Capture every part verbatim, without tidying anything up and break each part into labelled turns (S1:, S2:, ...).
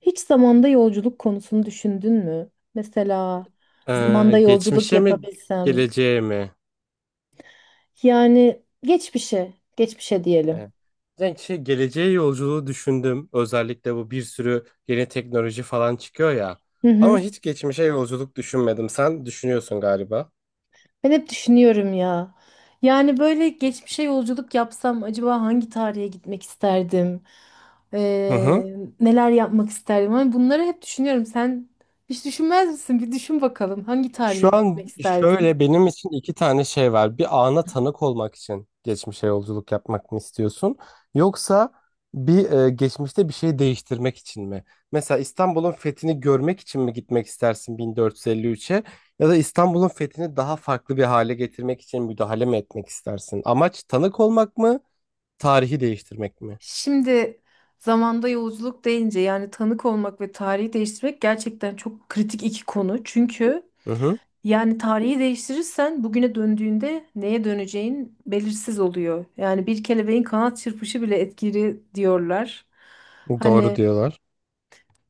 S1: Hiç zamanda yolculuk konusunu düşündün mü? Mesela
S2: Ee,
S1: zamanda yolculuk
S2: geçmişe mi
S1: yapabilsem.
S2: geleceğe mi?
S1: Yani geçmişe, geçmişe diyelim.
S2: Ee, Ben şey, geleceğe yolculuğu düşündüm. Özellikle bu bir sürü yeni teknoloji falan çıkıyor ya.
S1: Hı
S2: Ama
S1: hı.
S2: hiç geçmişe yolculuk düşünmedim. Sen düşünüyorsun galiba.
S1: Ben hep düşünüyorum ya. Yani böyle geçmişe yolculuk yapsam acaba hangi tarihe gitmek isterdim?
S2: Hı
S1: Ee,
S2: hı.
S1: neler yapmak isterdim? Hani bunları hep düşünüyorum. Sen hiç düşünmez misin? Bir düşün bakalım hangi
S2: Şu
S1: tarihe gitmek
S2: an şöyle
S1: isterdin?
S2: benim için iki tane şey var. Bir ana tanık olmak için geçmişe yolculuk yapmak mı istiyorsun? Yoksa bir e, geçmişte bir şey değiştirmek için mi? Mesela İstanbul'un fethini görmek için mi gitmek istersin bin dört yüz elli üçe? Ya da İstanbul'un fethini daha farklı bir hale getirmek için müdahale mi etmek istersin? Amaç tanık olmak mı? Tarihi değiştirmek mi?
S1: Şimdi zamanda yolculuk deyince yani tanık olmak ve tarihi değiştirmek gerçekten çok kritik iki konu. Çünkü
S2: Hı hı,
S1: yani tarihi değiştirirsen bugüne döndüğünde neye döneceğin belirsiz oluyor. Yani bir kelebeğin kanat çırpışı bile etkili diyorlar.
S2: doğru
S1: Hani
S2: diyorlar.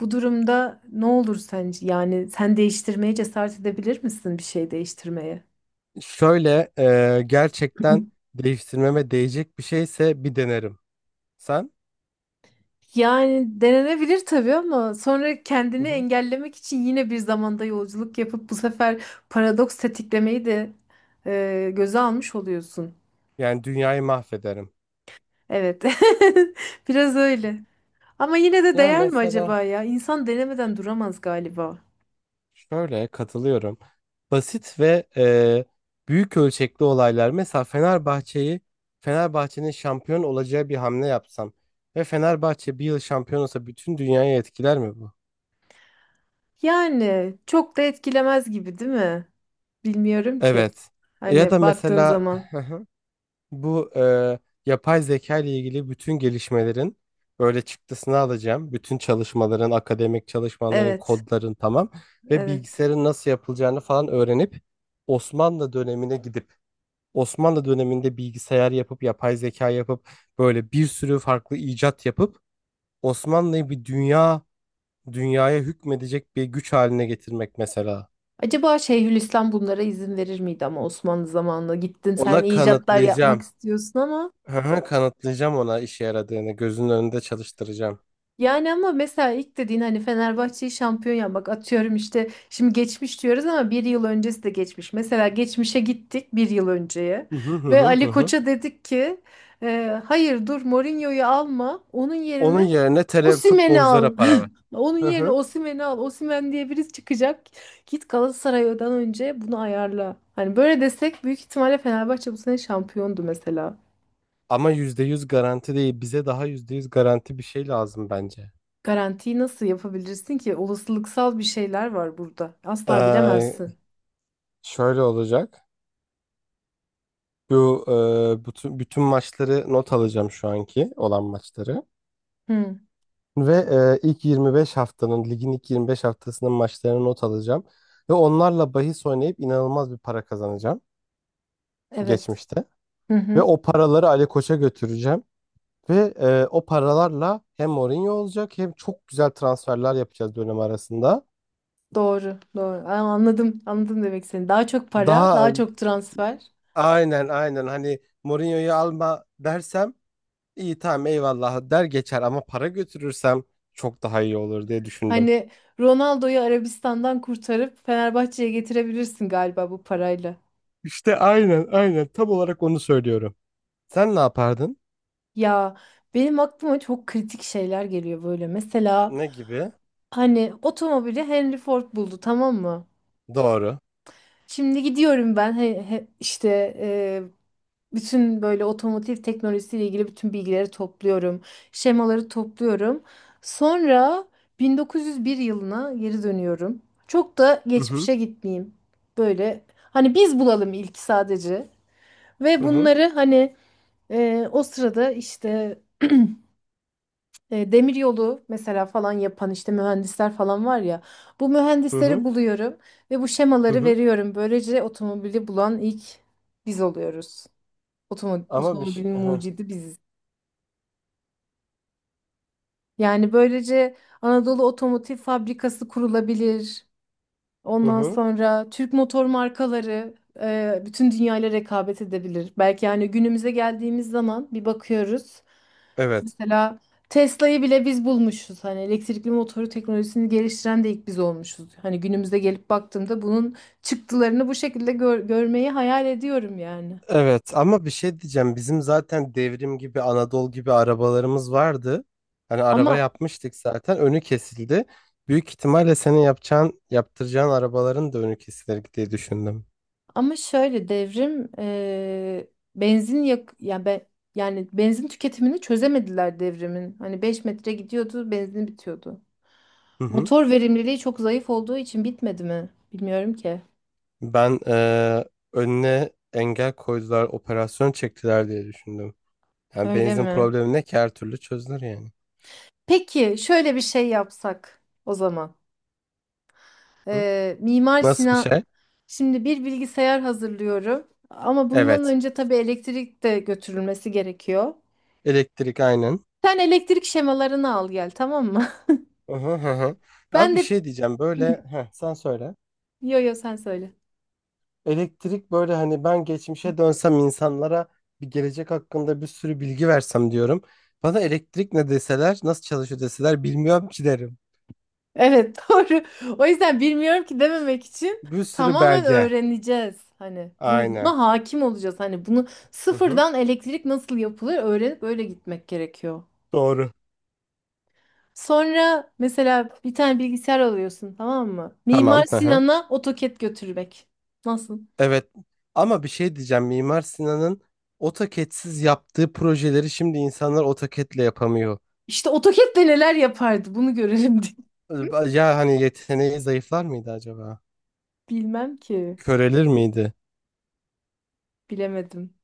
S1: bu durumda ne olur sence? Yani sen değiştirmeye cesaret edebilir misin bir şey değiştirmeye?
S2: Şöyle e, gerçekten değiştirmeme değecek bir şeyse bir denerim. Sen?
S1: Yani denenebilir tabii ama sonra kendini engellemek için yine bir zamanda yolculuk yapıp bu sefer paradoks tetiklemeyi de e, göze almış oluyorsun.
S2: Yani dünyayı mahvederim.
S1: Evet. Biraz öyle. Ama yine de
S2: Yani
S1: değer mi acaba
S2: mesela
S1: ya? İnsan denemeden duramaz galiba.
S2: şöyle katılıyorum. Basit ve e, büyük ölçekli olaylar. Mesela Fenerbahçe'yi Fenerbahçe'nin şampiyon olacağı bir hamle yapsam ve Fenerbahçe bir yıl şampiyon olsa bütün dünyayı etkiler mi bu?
S1: Yani çok da etkilemez gibi değil mi? Bilmiyorum ki.
S2: Evet. Ya da
S1: Hani baktığın
S2: mesela
S1: zaman.
S2: bu e, yapay zeka ile ilgili bütün gelişmelerin böyle çıktısını alacağım. Bütün çalışmaların, akademik çalışmaların,
S1: Evet.
S2: kodların tamam ve
S1: Evet.
S2: bilgisayarın nasıl yapılacağını falan öğrenip Osmanlı dönemine gidip Osmanlı döneminde bilgisayar yapıp yapay zeka yapıp böyle bir sürü farklı icat yapıp Osmanlı'yı bir dünya dünyaya hükmedecek bir güç haline getirmek mesela.
S1: Acaba Şeyhülislam bunlara izin verir miydi ama Osmanlı zamanında gittin sen
S2: Ona
S1: icatlar yapmak
S2: kanıtlayacağım.
S1: istiyorsun ama
S2: Hı hı, kanıtlayacağım ona işe yaradığını, gözünün önünde çalıştıracağım.
S1: yani ama mesela ilk dediğin hani Fenerbahçe'yi şampiyon yapmak atıyorum işte şimdi geçmiş diyoruz ama bir yıl öncesi de geçmiş. Mesela geçmişe gittik bir yıl önceye
S2: Hı hı hı
S1: ve
S2: hı hı
S1: Ali
S2: hı.
S1: Koç'a dedik ki "E, hayır dur, Mourinho'yu alma, onun
S2: Onun
S1: yerine
S2: yerine tele
S1: Osimhen'i
S2: futbolculara
S1: al.
S2: para ver.
S1: Onun
S2: Hı
S1: yerine
S2: hı.
S1: Osimhen'i al. Osimhen diye birisi çıkacak. Git Galatasaray'dan önce bunu ayarla." Hani böyle desek büyük ihtimalle Fenerbahçe bu sene şampiyondu mesela.
S2: Ama yüzde yüz garanti değil. Bize daha yüzde yüz garanti bir şey lazım bence.
S1: Garantiyi nasıl yapabilirsin ki? Olasılıksal bir şeyler var burada. Asla
S2: Ee,
S1: bilemezsin.
S2: Şöyle olacak. Bu e, bütün, bütün maçları not alacağım şu anki olan maçları.
S1: Hı,
S2: Ve e, ilk yirmi beş haftanın, ligin ilk yirmi beş haftasının maçlarını not alacağım. Ve onlarla bahis oynayıp inanılmaz bir para kazanacağım
S1: evet.
S2: geçmişte.
S1: Hı
S2: Ve
S1: hı.
S2: o paraları Ali Koç'a götüreceğim. Ve e, o paralarla hem Mourinho olacak hem çok güzel transferler yapacağız dönem arasında.
S1: Doğru, doğru. Aa, anladım, anladım demek seni. Daha çok para,
S2: Daha
S1: daha çok transfer.
S2: aynen aynen hani Mourinho'yu alma dersem iyi tamam eyvallah der geçer ama para götürürsem çok daha iyi olur diye düşündüm.
S1: Hani Ronaldo'yu Arabistan'dan kurtarıp Fenerbahçe'ye getirebilirsin galiba bu parayla.
S2: İşte aynen aynen tam olarak onu söylüyorum. Sen ne yapardın?
S1: Ya, benim aklıma çok kritik şeyler geliyor böyle. Mesela
S2: Ne gibi?
S1: hani otomobili Henry Ford buldu, tamam mı?
S2: Doğru.
S1: Şimdi gidiyorum ben he- he- işte e, bütün böyle otomotiv teknolojisiyle ilgili bütün bilgileri topluyorum. Şemaları topluyorum. Sonra bin dokuz yüz bir yılına geri dönüyorum. Çok da
S2: Hı hı.
S1: geçmişe gitmeyeyim. Böyle hani biz bulalım ilk sadece. Ve
S2: Hı hı.
S1: bunları hani e, o sırada işte E, demir yolu mesela falan yapan işte mühendisler falan var ya. Bu
S2: Hı
S1: mühendisleri
S2: hı.
S1: buluyorum ve bu
S2: Hı
S1: şemaları
S2: hı.
S1: veriyorum. Böylece otomobili bulan ilk biz oluyoruz. Otomo-
S2: Ama bir şey.
S1: otomobilin
S2: Hı hı.
S1: mucidi biziz. Yani böylece Anadolu Otomotiv Fabrikası kurulabilir.
S2: Hı
S1: Ondan
S2: hı.
S1: sonra Türk motor markaları e, bütün dünyayla rekabet edebilir. Belki yani günümüze geldiğimiz zaman bir bakıyoruz.
S2: Evet.
S1: Mesela Tesla'yı bile biz bulmuşuz. Hani elektrikli motoru teknolojisini geliştiren de ilk biz olmuşuz. Hani günümüze gelip baktığımda bunun çıktılarını bu şekilde gör- görmeyi hayal ediyorum yani.
S2: Evet ama bir şey diyeceğim. Bizim zaten devrim gibi Anadolu gibi arabalarımız vardı. Hani araba
S1: Ama
S2: yapmıştık zaten. Önü kesildi. Büyük ihtimalle senin yapacağın, yaptıracağın arabaların da önü kesilir diye düşündüm.
S1: ama şöyle devrim eee, benzin yak yani ben yani benzin tüketimini çözemediler devrimin. Hani beş metre gidiyordu, benzin bitiyordu.
S2: Hı hı.
S1: Motor verimliliği çok zayıf olduğu için bitmedi mi? Bilmiyorum ki.
S2: Ben eee, önüne engel koydular, operasyon çektiler diye düşündüm. Yani
S1: Öyle
S2: benzin
S1: mi?
S2: problemi ne ki her türlü çözülür yani.
S1: Peki şöyle bir şey yapsak o zaman.
S2: Hı?
S1: Ee, Mimar
S2: Nasıl bir
S1: Sinan
S2: şey?
S1: şimdi bir bilgisayar hazırlıyorum ama bundan
S2: Evet.
S1: önce tabii elektrik de götürülmesi gerekiyor.
S2: Elektrik aynen.
S1: Sen elektrik şemalarını al gel, tamam mı?
S2: Hı hı hı. Hı. Abi
S1: Ben
S2: bir
S1: de.
S2: şey diyeceğim.
S1: Hı.
S2: Böyle heh, sen söyle.
S1: yo yo sen söyle.
S2: Elektrik böyle hani ben geçmişe dönsem insanlara bir gelecek hakkında bir sürü bilgi versem diyorum. Bana elektrik ne deseler, nasıl çalışıyor deseler bilmiyorum ki derim.
S1: Evet, doğru. O yüzden bilmiyorum ki dememek için
S2: Bir sürü
S1: tamamen
S2: belge.
S1: öğreneceğiz. Hani bu,
S2: Aynen.
S1: buna hakim olacağız. Hani bunu
S2: Hı hı.
S1: sıfırdan elektrik nasıl yapılır öğrenip öyle gitmek gerekiyor.
S2: Doğru.
S1: Sonra mesela bir tane bilgisayar alıyorsun, tamam mı? Mimar
S2: Tamam. Hı hı.
S1: Sinan'a AutoCAD götürmek. Nasıl?
S2: Evet. Ama bir şey diyeceğim. Mimar Sinan'ın AutoCAD'siz yaptığı projeleri şimdi insanlar AutoCAD'le yapamıyor.
S1: İşte AutoCAD'le neler yapardı bunu görelim diye.
S2: Ya hani yeteneği zayıflar mıydı acaba?
S1: Bilmem ki.
S2: Körelir miydi?
S1: Bilemedim.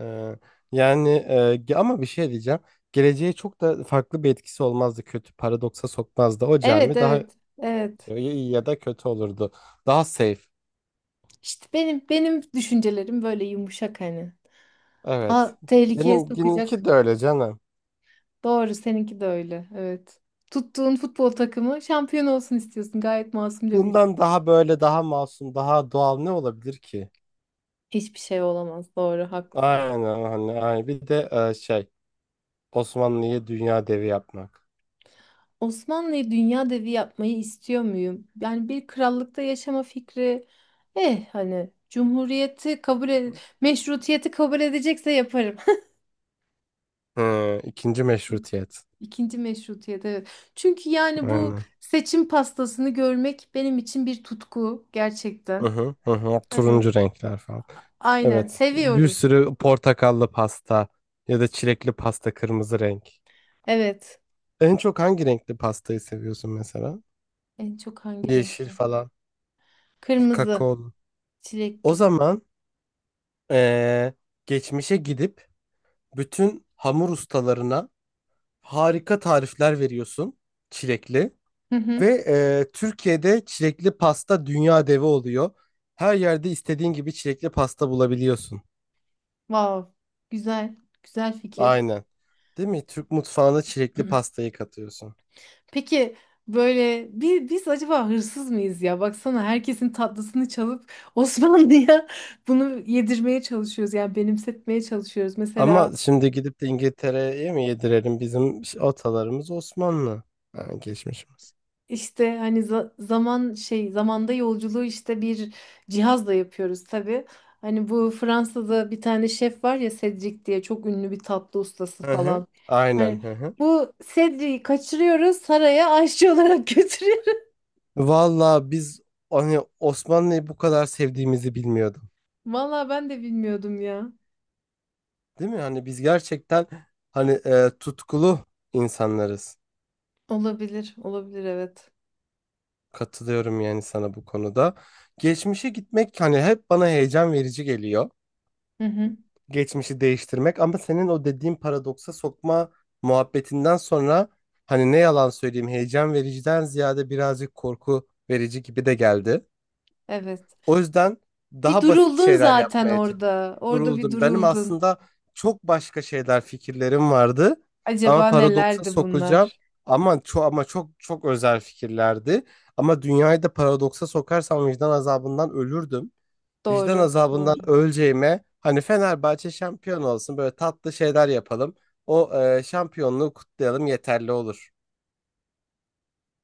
S2: Ee, Yani e, ge- ama bir şey diyeceğim. Geleceğe çok da farklı bir etkisi olmazdı. Kötü paradoksa sokmazdı. O
S1: Evet,
S2: cami daha
S1: evet. Evet.
S2: şey, iyi ya da kötü olurdu. Daha safe.
S1: İşte benim benim düşüncelerim böyle yumuşak hani. Aa,
S2: Evet.
S1: tehlikeye
S2: Benim
S1: sokacak.
S2: benimki de öyle canım.
S1: Doğru, seninki de öyle. Evet. Tuttuğun futbol takımı şampiyon olsun istiyorsun. Gayet masumca bir istek.
S2: Bundan daha böyle daha masum, daha doğal ne olabilir ki?
S1: Hiçbir şey olamaz. Doğru, haklısın.
S2: Aynen hani aynen. Bir de e, şey Osmanlı'yı dünya devi yapmak.
S1: Osmanlı'yı dünya devi yapmayı istiyor muyum? Yani bir krallıkta yaşama fikri eh hani cumhuriyeti kabul
S2: Hı
S1: ed- meşrutiyeti kabul edecekse yaparım.
S2: ikinci meşrutiyet.
S1: İkinci meşrutiyet, evet. Çünkü yani bu
S2: Aynen.
S1: seçim pastasını görmek benim için bir tutku
S2: Hı
S1: gerçekten.
S2: hı, hı hı.
S1: Hani
S2: Turuncu renkler falan.
S1: aynen
S2: Evet. Bir
S1: seviyorum.
S2: sürü portakallı pasta ya da çilekli pasta kırmızı renk.
S1: Evet.
S2: En çok hangi renkli pastayı seviyorsun mesela?
S1: En çok hangi
S2: Yeşil
S1: renkli?
S2: falan.
S1: Kırmızı,
S2: Kakaolu. O
S1: çilekli.
S2: zaman eee, geçmişe gidip bütün hamur ustalarına harika tarifler veriyorsun çilekli.
S1: Hı hı.
S2: Ve eee, Türkiye'de çilekli pasta dünya devi oluyor. Her yerde istediğin gibi çilekli pasta bulabiliyorsun.
S1: Wow. Güzel. Güzel fikir.
S2: Aynen. Değil mi? Türk mutfağına çilekli pastayı katıyorsun.
S1: Peki böyle bi- biz acaba hırsız mıyız ya? Baksana herkesin tatlısını çalıp Osmanlı'ya bunu yedirmeye çalışıyoruz. Yani benimsetmeye çalışıyoruz. Mesela
S2: Ama şimdi gidip de İngiltere'ye mi yedirelim? Bizim atalarımız Osmanlı. Ha, geçmişimiz.
S1: işte hani za- zaman şey zamanda yolculuğu işte bir cihazla yapıyoruz tabii. Hani bu Fransa'da bir tane şef var ya, Cedric diye çok ünlü bir tatlı ustası
S2: Hı hı.
S1: falan.
S2: Aynen.
S1: Hani
S2: Hı hı.
S1: bu Cedric'i kaçırıyoruz, saraya aşçı olarak götürüyoruz.
S2: Valla biz hani Osmanlı'yı bu kadar sevdiğimizi bilmiyordum.
S1: Vallahi ben de bilmiyordum ya.
S2: Değil mi? Hani biz gerçekten hani e, tutkulu insanlarız.
S1: Olabilir, olabilir, evet.
S2: Katılıyorum yani sana bu konuda. Geçmişe gitmek hani hep bana heyecan verici geliyor.
S1: Hı hı.
S2: Geçmişi değiştirmek ama senin o dediğin paradoksa sokma muhabbetinden sonra hani ne yalan söyleyeyim heyecan vericiden ziyade birazcık korku verici gibi de geldi.
S1: Evet.
S2: O yüzden
S1: Bir
S2: daha basit
S1: duruldun
S2: şeyler
S1: zaten
S2: yapmaya çalıştım.
S1: orada. Orada bir
S2: Duruldum. Benim
S1: duruldun.
S2: aslında çok başka şeyler fikirlerim vardı ama
S1: Acaba
S2: paradoksa
S1: nelerdi
S2: sokacağım
S1: bunlar?
S2: ama çok ama çok çok özel fikirlerdi. Ama dünyayı da paradoksa sokarsam vicdan azabından ölürdüm. Vicdan
S1: Doğru.
S2: azabından
S1: Doğru.
S2: öleceğime hani Fenerbahçe şampiyon olsun böyle tatlı şeyler yapalım. O e, şampiyonluğu kutlayalım yeterli olur.